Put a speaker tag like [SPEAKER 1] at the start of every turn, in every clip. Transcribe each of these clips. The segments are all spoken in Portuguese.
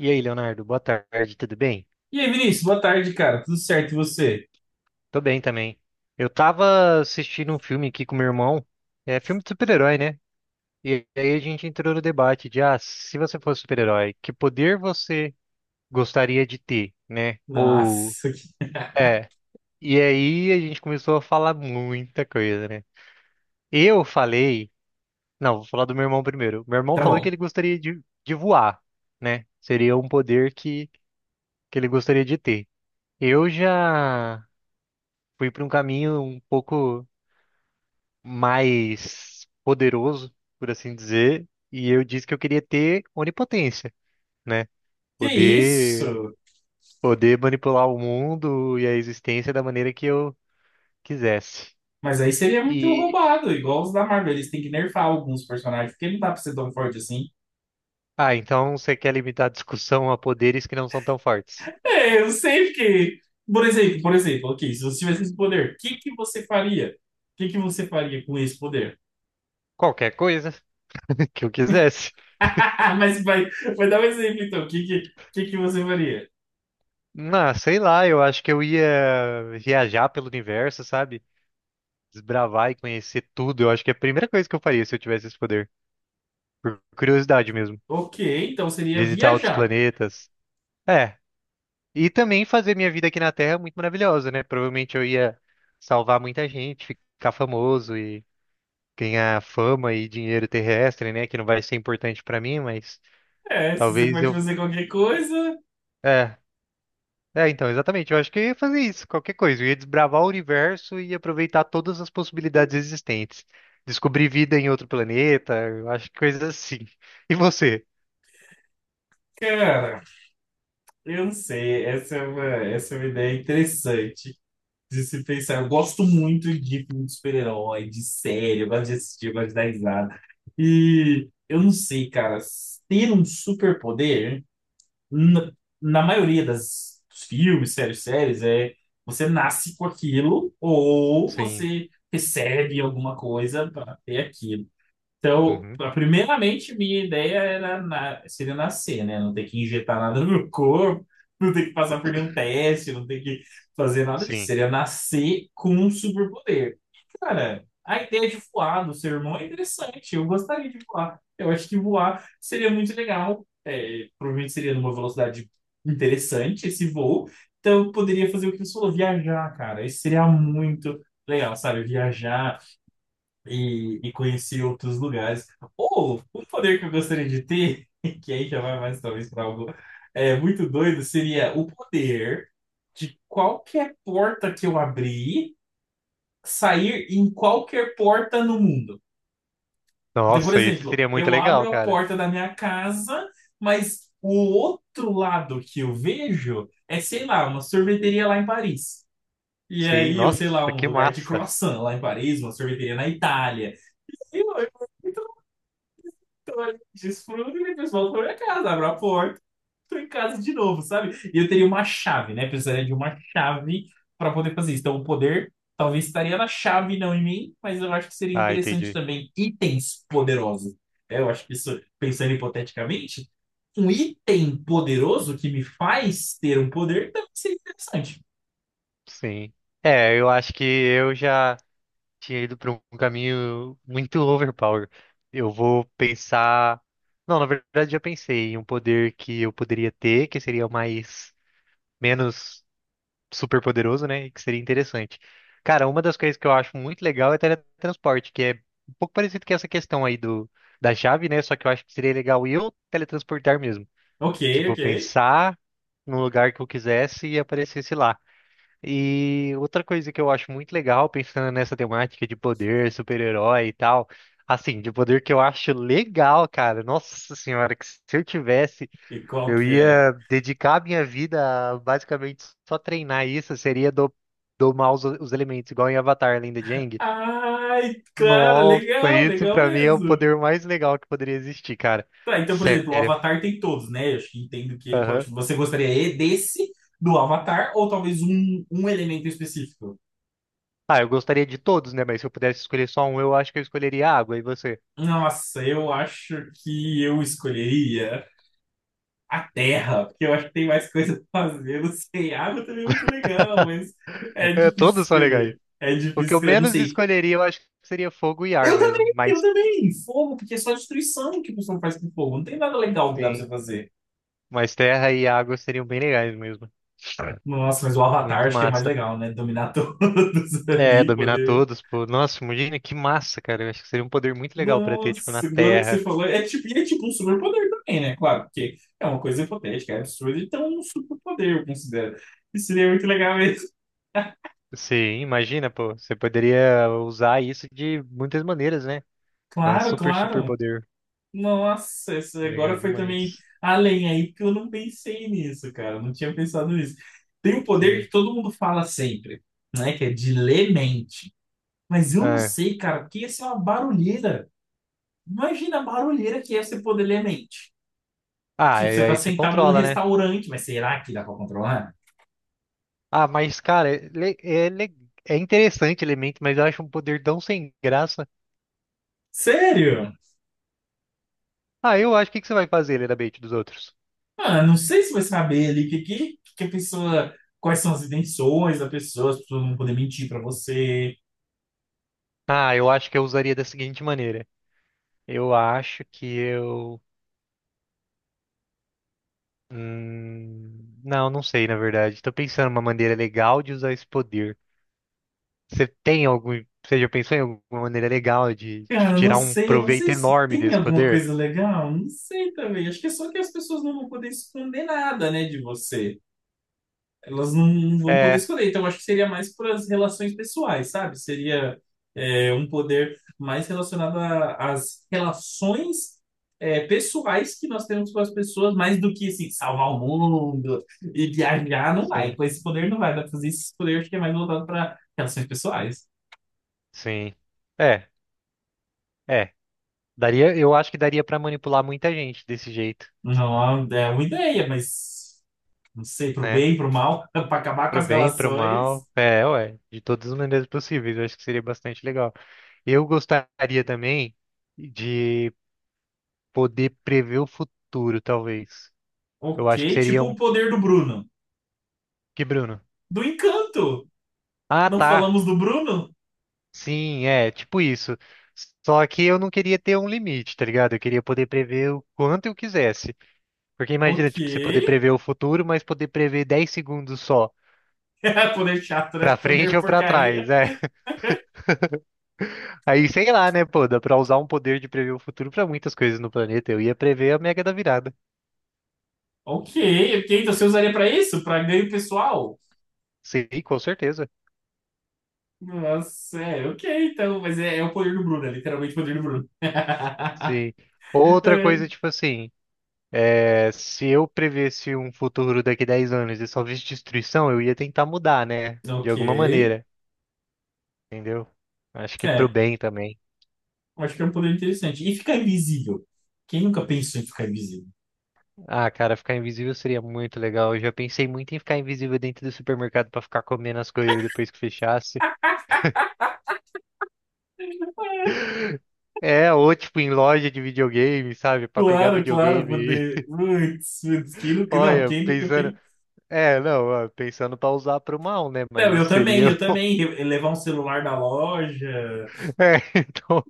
[SPEAKER 1] E aí, Leonardo, boa tarde, tudo bem?
[SPEAKER 2] E aí, Vinícius, boa tarde, cara. Tudo certo e você?
[SPEAKER 1] Tô bem também. Eu tava assistindo um filme aqui com meu irmão, é filme de super-herói, né? E aí a gente entrou no debate de, ah, se você fosse super-herói, que poder você gostaria de ter, né? Ou,
[SPEAKER 2] Nossa, que-
[SPEAKER 1] é, e aí a gente começou a falar muita coisa, né? Eu falei, não, vou falar do meu irmão primeiro. Meu irmão
[SPEAKER 2] tá
[SPEAKER 1] falou que
[SPEAKER 2] bom.
[SPEAKER 1] ele gostaria de voar, né? Seria um poder que ele gostaria de ter. Eu já fui para um caminho um pouco mais poderoso, por assim dizer, e eu disse que eu queria ter onipotência, né?
[SPEAKER 2] Que
[SPEAKER 1] Poder,
[SPEAKER 2] isso?
[SPEAKER 1] poder manipular o mundo e a existência da maneira que eu quisesse.
[SPEAKER 2] Mas aí seria muito
[SPEAKER 1] E,
[SPEAKER 2] roubado, igual os da Marvel. Eles têm que nerfar alguns personagens, porque não dá pra ser tão forte assim.
[SPEAKER 1] ah, então você quer limitar a discussão a poderes que não são tão fortes?
[SPEAKER 2] É, eu sei que. Por exemplo, ok, se você tivesse esse poder, o que que você faria? O que que você faria com esse poder?
[SPEAKER 1] Qualquer coisa que eu quisesse.
[SPEAKER 2] Mas vai, vai dar um exemplo, então. O que que você faria?
[SPEAKER 1] Ah, sei lá, eu acho que eu ia viajar pelo universo, sabe? Desbravar e conhecer tudo. Eu acho que é a primeira coisa que eu faria se eu tivesse esse poder. Por curiosidade mesmo.
[SPEAKER 2] Ok, então seria
[SPEAKER 1] Visitar outros
[SPEAKER 2] viajar.
[SPEAKER 1] planetas. É, e também fazer minha vida aqui na Terra é muito maravilhosa, né? Provavelmente eu ia salvar muita gente, ficar famoso e ganhar fama e dinheiro terrestre, né? Que não vai ser importante pra mim, mas
[SPEAKER 2] É, se você
[SPEAKER 1] talvez
[SPEAKER 2] pode
[SPEAKER 1] eu.
[SPEAKER 2] fazer qualquer coisa,
[SPEAKER 1] É, é, então, exatamente. Eu acho que eu ia fazer isso, qualquer coisa. Eu ia desbravar o universo e aproveitar todas as possibilidades existentes. Descobrir vida em outro planeta, eu acho que coisas assim. E você?
[SPEAKER 2] cara. Eu não sei, essa é uma ideia interessante de se pensar. Eu gosto muito de filme de super-herói, de série, eu gosto de assistir, eu gosto de dar risada. E eu não sei, cara, ter um superpoder, na, na maioria das dos filmes, séries, é você nasce com aquilo ou
[SPEAKER 1] Sim.
[SPEAKER 2] você recebe alguma coisa para ter aquilo. Então,
[SPEAKER 1] Uhum.
[SPEAKER 2] a- primeiramente, minha ideia era na- seria nascer, né? Não ter que injetar nada no corpo, não ter que passar por nenhum teste, não ter que fazer nada disso.
[SPEAKER 1] Sim.
[SPEAKER 2] Seria nascer com um superpoder. Cara, a ideia de voar do seu irmão é interessante. Eu gostaria de voar. Eu acho que voar seria muito legal. É, provavelmente seria numa velocidade interessante esse voo. Então, eu poderia fazer o que você falou, viajar, cara. Isso seria muito legal, sabe? Viajar e conhecer outros lugares. Ou um poder que eu gostaria de ter, que aí já vai mais talvez para algo é, muito doido, seria o poder de qualquer porta que eu abrir sair em qualquer porta no mundo. Então, por
[SPEAKER 1] Nossa, isso
[SPEAKER 2] exemplo,
[SPEAKER 1] seria muito
[SPEAKER 2] eu
[SPEAKER 1] legal,
[SPEAKER 2] abro a
[SPEAKER 1] cara.
[SPEAKER 2] porta da minha casa, mas o outro lado que eu vejo é, sei lá, uma sorveteria lá em Paris. E
[SPEAKER 1] Sim,
[SPEAKER 2] aí, eu
[SPEAKER 1] nossa,
[SPEAKER 2] sei lá, um
[SPEAKER 1] que
[SPEAKER 2] lugar de
[SPEAKER 1] massa.
[SPEAKER 2] croissant lá em Paris, uma sorveteria na Itália. Eu, então, olha, desfruta e o pessoal foi pra minha casa, abre a porta, tô em casa de novo, sabe? E eu teria uma chave, né? Precisaria de uma chave para poder fazer isso. Então, o poder talvez estaria na chave, não em mim, mas eu acho que seria
[SPEAKER 1] Ah,
[SPEAKER 2] interessante
[SPEAKER 1] entendi.
[SPEAKER 2] também itens poderosos. É, eu acho que isso, pensando hipoteticamente, um item poderoso que me faz ter um poder também seria interessante.
[SPEAKER 1] Sim. É, eu acho que eu já tinha ido para um caminho muito overpower. Eu vou pensar. Não, na verdade já pensei em um poder que eu poderia ter, que seria mais menos super poderoso, né? E que seria interessante. Cara, uma das coisas que eu acho muito legal é teletransporte, que é um pouco parecido com essa questão aí do da chave, né? Só que eu acho que seria legal eu teletransportar mesmo.
[SPEAKER 2] Ok,
[SPEAKER 1] Tipo,
[SPEAKER 2] ok.
[SPEAKER 1] pensar num lugar que eu quisesse e aparecesse lá. E outra coisa que eu acho muito legal, pensando nessa temática de poder, super-herói e tal, assim, de poder que eu acho legal, cara. Nossa senhora, que se eu tivesse,
[SPEAKER 2] E qual
[SPEAKER 1] eu
[SPEAKER 2] que é?
[SPEAKER 1] ia dedicar a minha vida a basicamente só treinar isso, seria do, domar os elementos, igual em Avatar, Lenda de Aang.
[SPEAKER 2] Ai, cara,
[SPEAKER 1] Nossa,
[SPEAKER 2] legal,
[SPEAKER 1] esse
[SPEAKER 2] legal
[SPEAKER 1] pra mim é o
[SPEAKER 2] mesmo.
[SPEAKER 1] poder mais legal que poderia existir, cara.
[SPEAKER 2] Tá, então, por exemplo, o
[SPEAKER 1] Sério.
[SPEAKER 2] Avatar tem todos, né? Eu acho que entendo que ele
[SPEAKER 1] Aham.
[SPEAKER 2] pode. Você gostaria e desse do Avatar ou talvez um elemento específico?
[SPEAKER 1] Ah, eu gostaria de todos, né? Mas se eu pudesse escolher só um, eu acho que eu escolheria a água. E você?
[SPEAKER 2] Nossa, eu acho que eu escolheria a Terra, porque eu acho que tem mais coisa pra fazer. Não sei, água também é muito legal, mas é
[SPEAKER 1] É,
[SPEAKER 2] difícil
[SPEAKER 1] todos são legais.
[SPEAKER 2] escolher. É
[SPEAKER 1] O
[SPEAKER 2] difícil
[SPEAKER 1] que eu
[SPEAKER 2] escolher, não
[SPEAKER 1] menos
[SPEAKER 2] sei.
[SPEAKER 1] escolheria, eu acho que seria fogo e ar
[SPEAKER 2] Eu
[SPEAKER 1] mesmo.
[SPEAKER 2] também, eu
[SPEAKER 1] Mas
[SPEAKER 2] também. Fogo, porque é só destruição que o pessoal faz com fogo. Não tem nada legal que dá pra você
[SPEAKER 1] sim,
[SPEAKER 2] fazer.
[SPEAKER 1] mas terra e água seriam bem legais mesmo.
[SPEAKER 2] Nossa, mas o Avatar
[SPEAKER 1] Muito
[SPEAKER 2] acho que é mais
[SPEAKER 1] massa.
[SPEAKER 2] legal, né? Dominar todos
[SPEAKER 1] É,
[SPEAKER 2] ali,
[SPEAKER 1] dominar
[SPEAKER 2] poder.
[SPEAKER 1] todos, pô. Nossa, imagina que massa, cara. Eu acho que seria um poder muito legal pra ter, tipo, na
[SPEAKER 2] Nossa, agora que você
[SPEAKER 1] Terra.
[SPEAKER 2] falou, é tipo, e é tipo um superpoder também, né? Claro, porque é uma coisa hipotética, é absurda, então é um superpoder, eu considero. Isso seria muito legal mesmo.
[SPEAKER 1] Sim, imagina, pô. Você poderia usar isso de muitas maneiras, né? É um
[SPEAKER 2] Claro,
[SPEAKER 1] super, super
[SPEAKER 2] claro.
[SPEAKER 1] poder.
[SPEAKER 2] Nossa, essa
[SPEAKER 1] Legal
[SPEAKER 2] agora foi também
[SPEAKER 1] demais.
[SPEAKER 2] além aí, porque eu não pensei nisso, cara, eu não tinha pensado nisso. Tem um poder que
[SPEAKER 1] Sim.
[SPEAKER 2] todo mundo fala sempre, né? Que é de ler mente. Mas eu não
[SPEAKER 1] É.
[SPEAKER 2] sei, cara, porque ia ser uma barulheira. Imagina a barulheira que é você poder ler mente.
[SPEAKER 1] Ah,
[SPEAKER 2] Tipo,
[SPEAKER 1] e
[SPEAKER 2] você tá
[SPEAKER 1] aí você
[SPEAKER 2] sentado num
[SPEAKER 1] controla, né?
[SPEAKER 2] restaurante, mas será que dá pra controlar?
[SPEAKER 1] Ah, mas, cara, é interessante o elemento, mas eu acho um poder tão sem graça.
[SPEAKER 2] Sério?
[SPEAKER 1] Ah, eu acho. O que que você vai fazer, ele da bait dos outros?
[SPEAKER 2] Ah, não sei se vai saber ali que a pessoa. Quais são as intenções da pessoa, as pessoas vão poder mentir pra você.
[SPEAKER 1] Ah, eu acho que eu usaria da seguinte maneira. Eu acho que eu. Não, não sei, na verdade. Tô pensando numa maneira legal de usar esse poder. Você tem algum. Você já pensou em alguma maneira legal de tipo,
[SPEAKER 2] Cara,
[SPEAKER 1] tirar um
[SPEAKER 2] eu não sei
[SPEAKER 1] proveito
[SPEAKER 2] se
[SPEAKER 1] enorme
[SPEAKER 2] tem
[SPEAKER 1] desse
[SPEAKER 2] alguma
[SPEAKER 1] poder?
[SPEAKER 2] coisa legal, não sei também. Acho que é só que as pessoas não vão poder esconder nada, né, de você. Elas não vão poder
[SPEAKER 1] É,
[SPEAKER 2] escolher. Então, eu acho que seria mais para as relações pessoais, sabe? Seria é, um poder mais relacionado a- às relações é, pessoais que nós temos com as pessoas, mais do que, assim, salvar o mundo e viajar, não vai.
[SPEAKER 1] sim,
[SPEAKER 2] Com esse poder não vai dar pra fazer isso. Esse poder acho que é mais voltado para relações pessoais.
[SPEAKER 1] sim. É, é. Daria, eu acho que daria pra manipular muita gente desse jeito,
[SPEAKER 2] Não, é uma ideia, mas não sei, pro
[SPEAKER 1] né?
[SPEAKER 2] bem, pro mal, para acabar com
[SPEAKER 1] Pro
[SPEAKER 2] as
[SPEAKER 1] bem, pro
[SPEAKER 2] relações.
[SPEAKER 1] mal. É, ué, de todas as maneiras possíveis. Eu acho que seria bastante legal. Eu gostaria também de poder prever o futuro, talvez. Eu acho que
[SPEAKER 2] Ok,
[SPEAKER 1] seria
[SPEAKER 2] tipo o
[SPEAKER 1] um.
[SPEAKER 2] poder do Bruno.
[SPEAKER 1] Que, Bruno?
[SPEAKER 2] Do encanto!
[SPEAKER 1] Ah,
[SPEAKER 2] Não
[SPEAKER 1] tá.
[SPEAKER 2] falamos do Bruno?
[SPEAKER 1] Sim, é, tipo isso. Só que eu não queria ter um limite, tá ligado? Eu queria poder prever o quanto eu quisesse. Porque imagina,
[SPEAKER 2] Ok.
[SPEAKER 1] tipo, você poder prever o futuro, mas poder prever 10 segundos só,
[SPEAKER 2] Poder chato, né?
[SPEAKER 1] pra frente
[SPEAKER 2] Poder
[SPEAKER 1] ou pra
[SPEAKER 2] porcaria.
[SPEAKER 1] trás. É, aí, sei lá, né, pô, dá pra usar um poder de prever o futuro pra muitas coisas no planeta. Eu ia prever a Mega da Virada.
[SPEAKER 2] Ok, ok. Então você usaria pra isso? Pra ganho pessoal?
[SPEAKER 1] Sim, com certeza.
[SPEAKER 2] Nossa, é, ok, então. Mas é, é o poder do Bruno, é literalmente o poder do Bruno.
[SPEAKER 1] Sim. Outra coisa, tipo assim, é, se eu prevesse um futuro daqui 10 anos e só visse destruição, eu ia tentar mudar, né? De
[SPEAKER 2] Ok.
[SPEAKER 1] alguma maneira, entendeu? Acho que pro
[SPEAKER 2] É,
[SPEAKER 1] bem também.
[SPEAKER 2] acho que é um poder interessante. E ficar invisível. Quem nunca pensou em ficar invisível?
[SPEAKER 1] Ah, cara, ficar invisível seria muito legal. Eu já pensei muito em ficar invisível dentro do supermercado pra ficar comendo as coisas depois que fechasse. É, ou tipo em loja de videogame, sabe? Pra pegar
[SPEAKER 2] Claro, claro,
[SPEAKER 1] videogame.
[SPEAKER 2] poder. Putz, putz, quem nunca. Não,
[SPEAKER 1] Olha,
[SPEAKER 2] quem nunca
[SPEAKER 1] pensando.
[SPEAKER 2] pensou.
[SPEAKER 1] É, não, ó, pensando pra usar pro mal, né?
[SPEAKER 2] Não, eu
[SPEAKER 1] Mas
[SPEAKER 2] também,
[SPEAKER 1] seria.
[SPEAKER 2] eu também. Re- Levar um celular da loja.
[SPEAKER 1] É, então.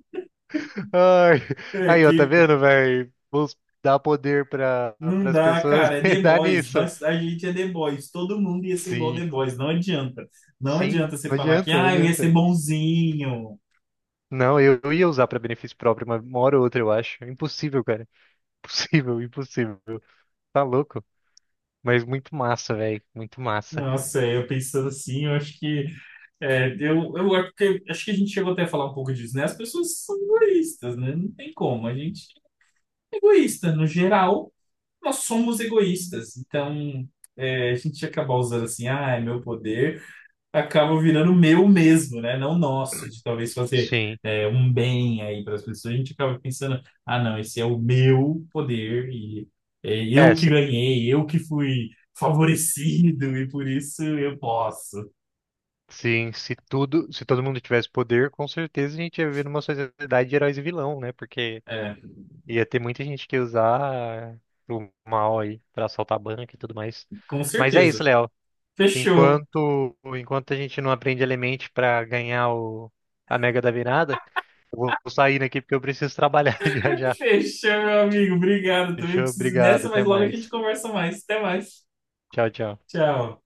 [SPEAKER 1] Ai,
[SPEAKER 2] É,
[SPEAKER 1] aí, ó, tá
[SPEAKER 2] que
[SPEAKER 1] vendo, velho? Vamos dar poder pra,
[SPEAKER 2] não
[SPEAKER 1] pras
[SPEAKER 2] dá,
[SPEAKER 1] pessoas
[SPEAKER 2] cara, é
[SPEAKER 1] e
[SPEAKER 2] The
[SPEAKER 1] dar
[SPEAKER 2] Boys.
[SPEAKER 1] nisso.
[SPEAKER 2] Nós, a gente é The Boys. Todo mundo ia ser igual
[SPEAKER 1] Sim,
[SPEAKER 2] The Boys. Não adianta. Não
[SPEAKER 1] sim,
[SPEAKER 2] adianta você
[SPEAKER 1] não
[SPEAKER 2] falar que,
[SPEAKER 1] adianta, não
[SPEAKER 2] ah, eu ia ser
[SPEAKER 1] adianta.
[SPEAKER 2] bonzinho.
[SPEAKER 1] Não, eu ia usar pra benefício próprio, mas uma hora ou outra, eu acho. É impossível, cara. Impossível, impossível. Tá louco? Mas muito massa, velho. Muito massa.
[SPEAKER 2] Nossa, eu pensando assim, eu acho que. É, eu acho que a gente chegou até a falar um pouco disso, né? As pessoas são egoístas, né? Não tem como. A gente é egoísta. No geral, nós somos egoístas. Então, é, a gente ia acabar usando assim, ah, é meu poder. Acaba virando meu mesmo, né? Não nosso, de talvez fazer
[SPEAKER 1] Sim.
[SPEAKER 2] é, um bem aí para as pessoas. A gente acaba pensando, ah, não, esse é o meu poder e é
[SPEAKER 1] É,
[SPEAKER 2] eu que ganhei, eu que fui favorecido e por isso eu posso.
[SPEAKER 1] sim, se tudo, se todo mundo tivesse poder, com certeza a gente ia viver numa sociedade de heróis e vilão, né? Porque
[SPEAKER 2] É,
[SPEAKER 1] ia ter muita gente que ia usar o mal aí pra assaltar banco e tudo mais.
[SPEAKER 2] com
[SPEAKER 1] Mas é
[SPEAKER 2] certeza.
[SPEAKER 1] isso, Léo.
[SPEAKER 2] Fechou.
[SPEAKER 1] Enquanto a gente não aprende Element pra ganhar o a Mega da Virada, eu vou sair daqui porque eu preciso trabalhar já já.
[SPEAKER 2] Fechou, meu amigo. Obrigado. Também
[SPEAKER 1] Fechou?
[SPEAKER 2] preciso ir
[SPEAKER 1] Obrigado,
[SPEAKER 2] nessa,
[SPEAKER 1] até
[SPEAKER 2] mas logo a gente
[SPEAKER 1] mais.
[SPEAKER 2] conversa mais. Até mais.
[SPEAKER 1] Tchau, tchau.
[SPEAKER 2] Tchau.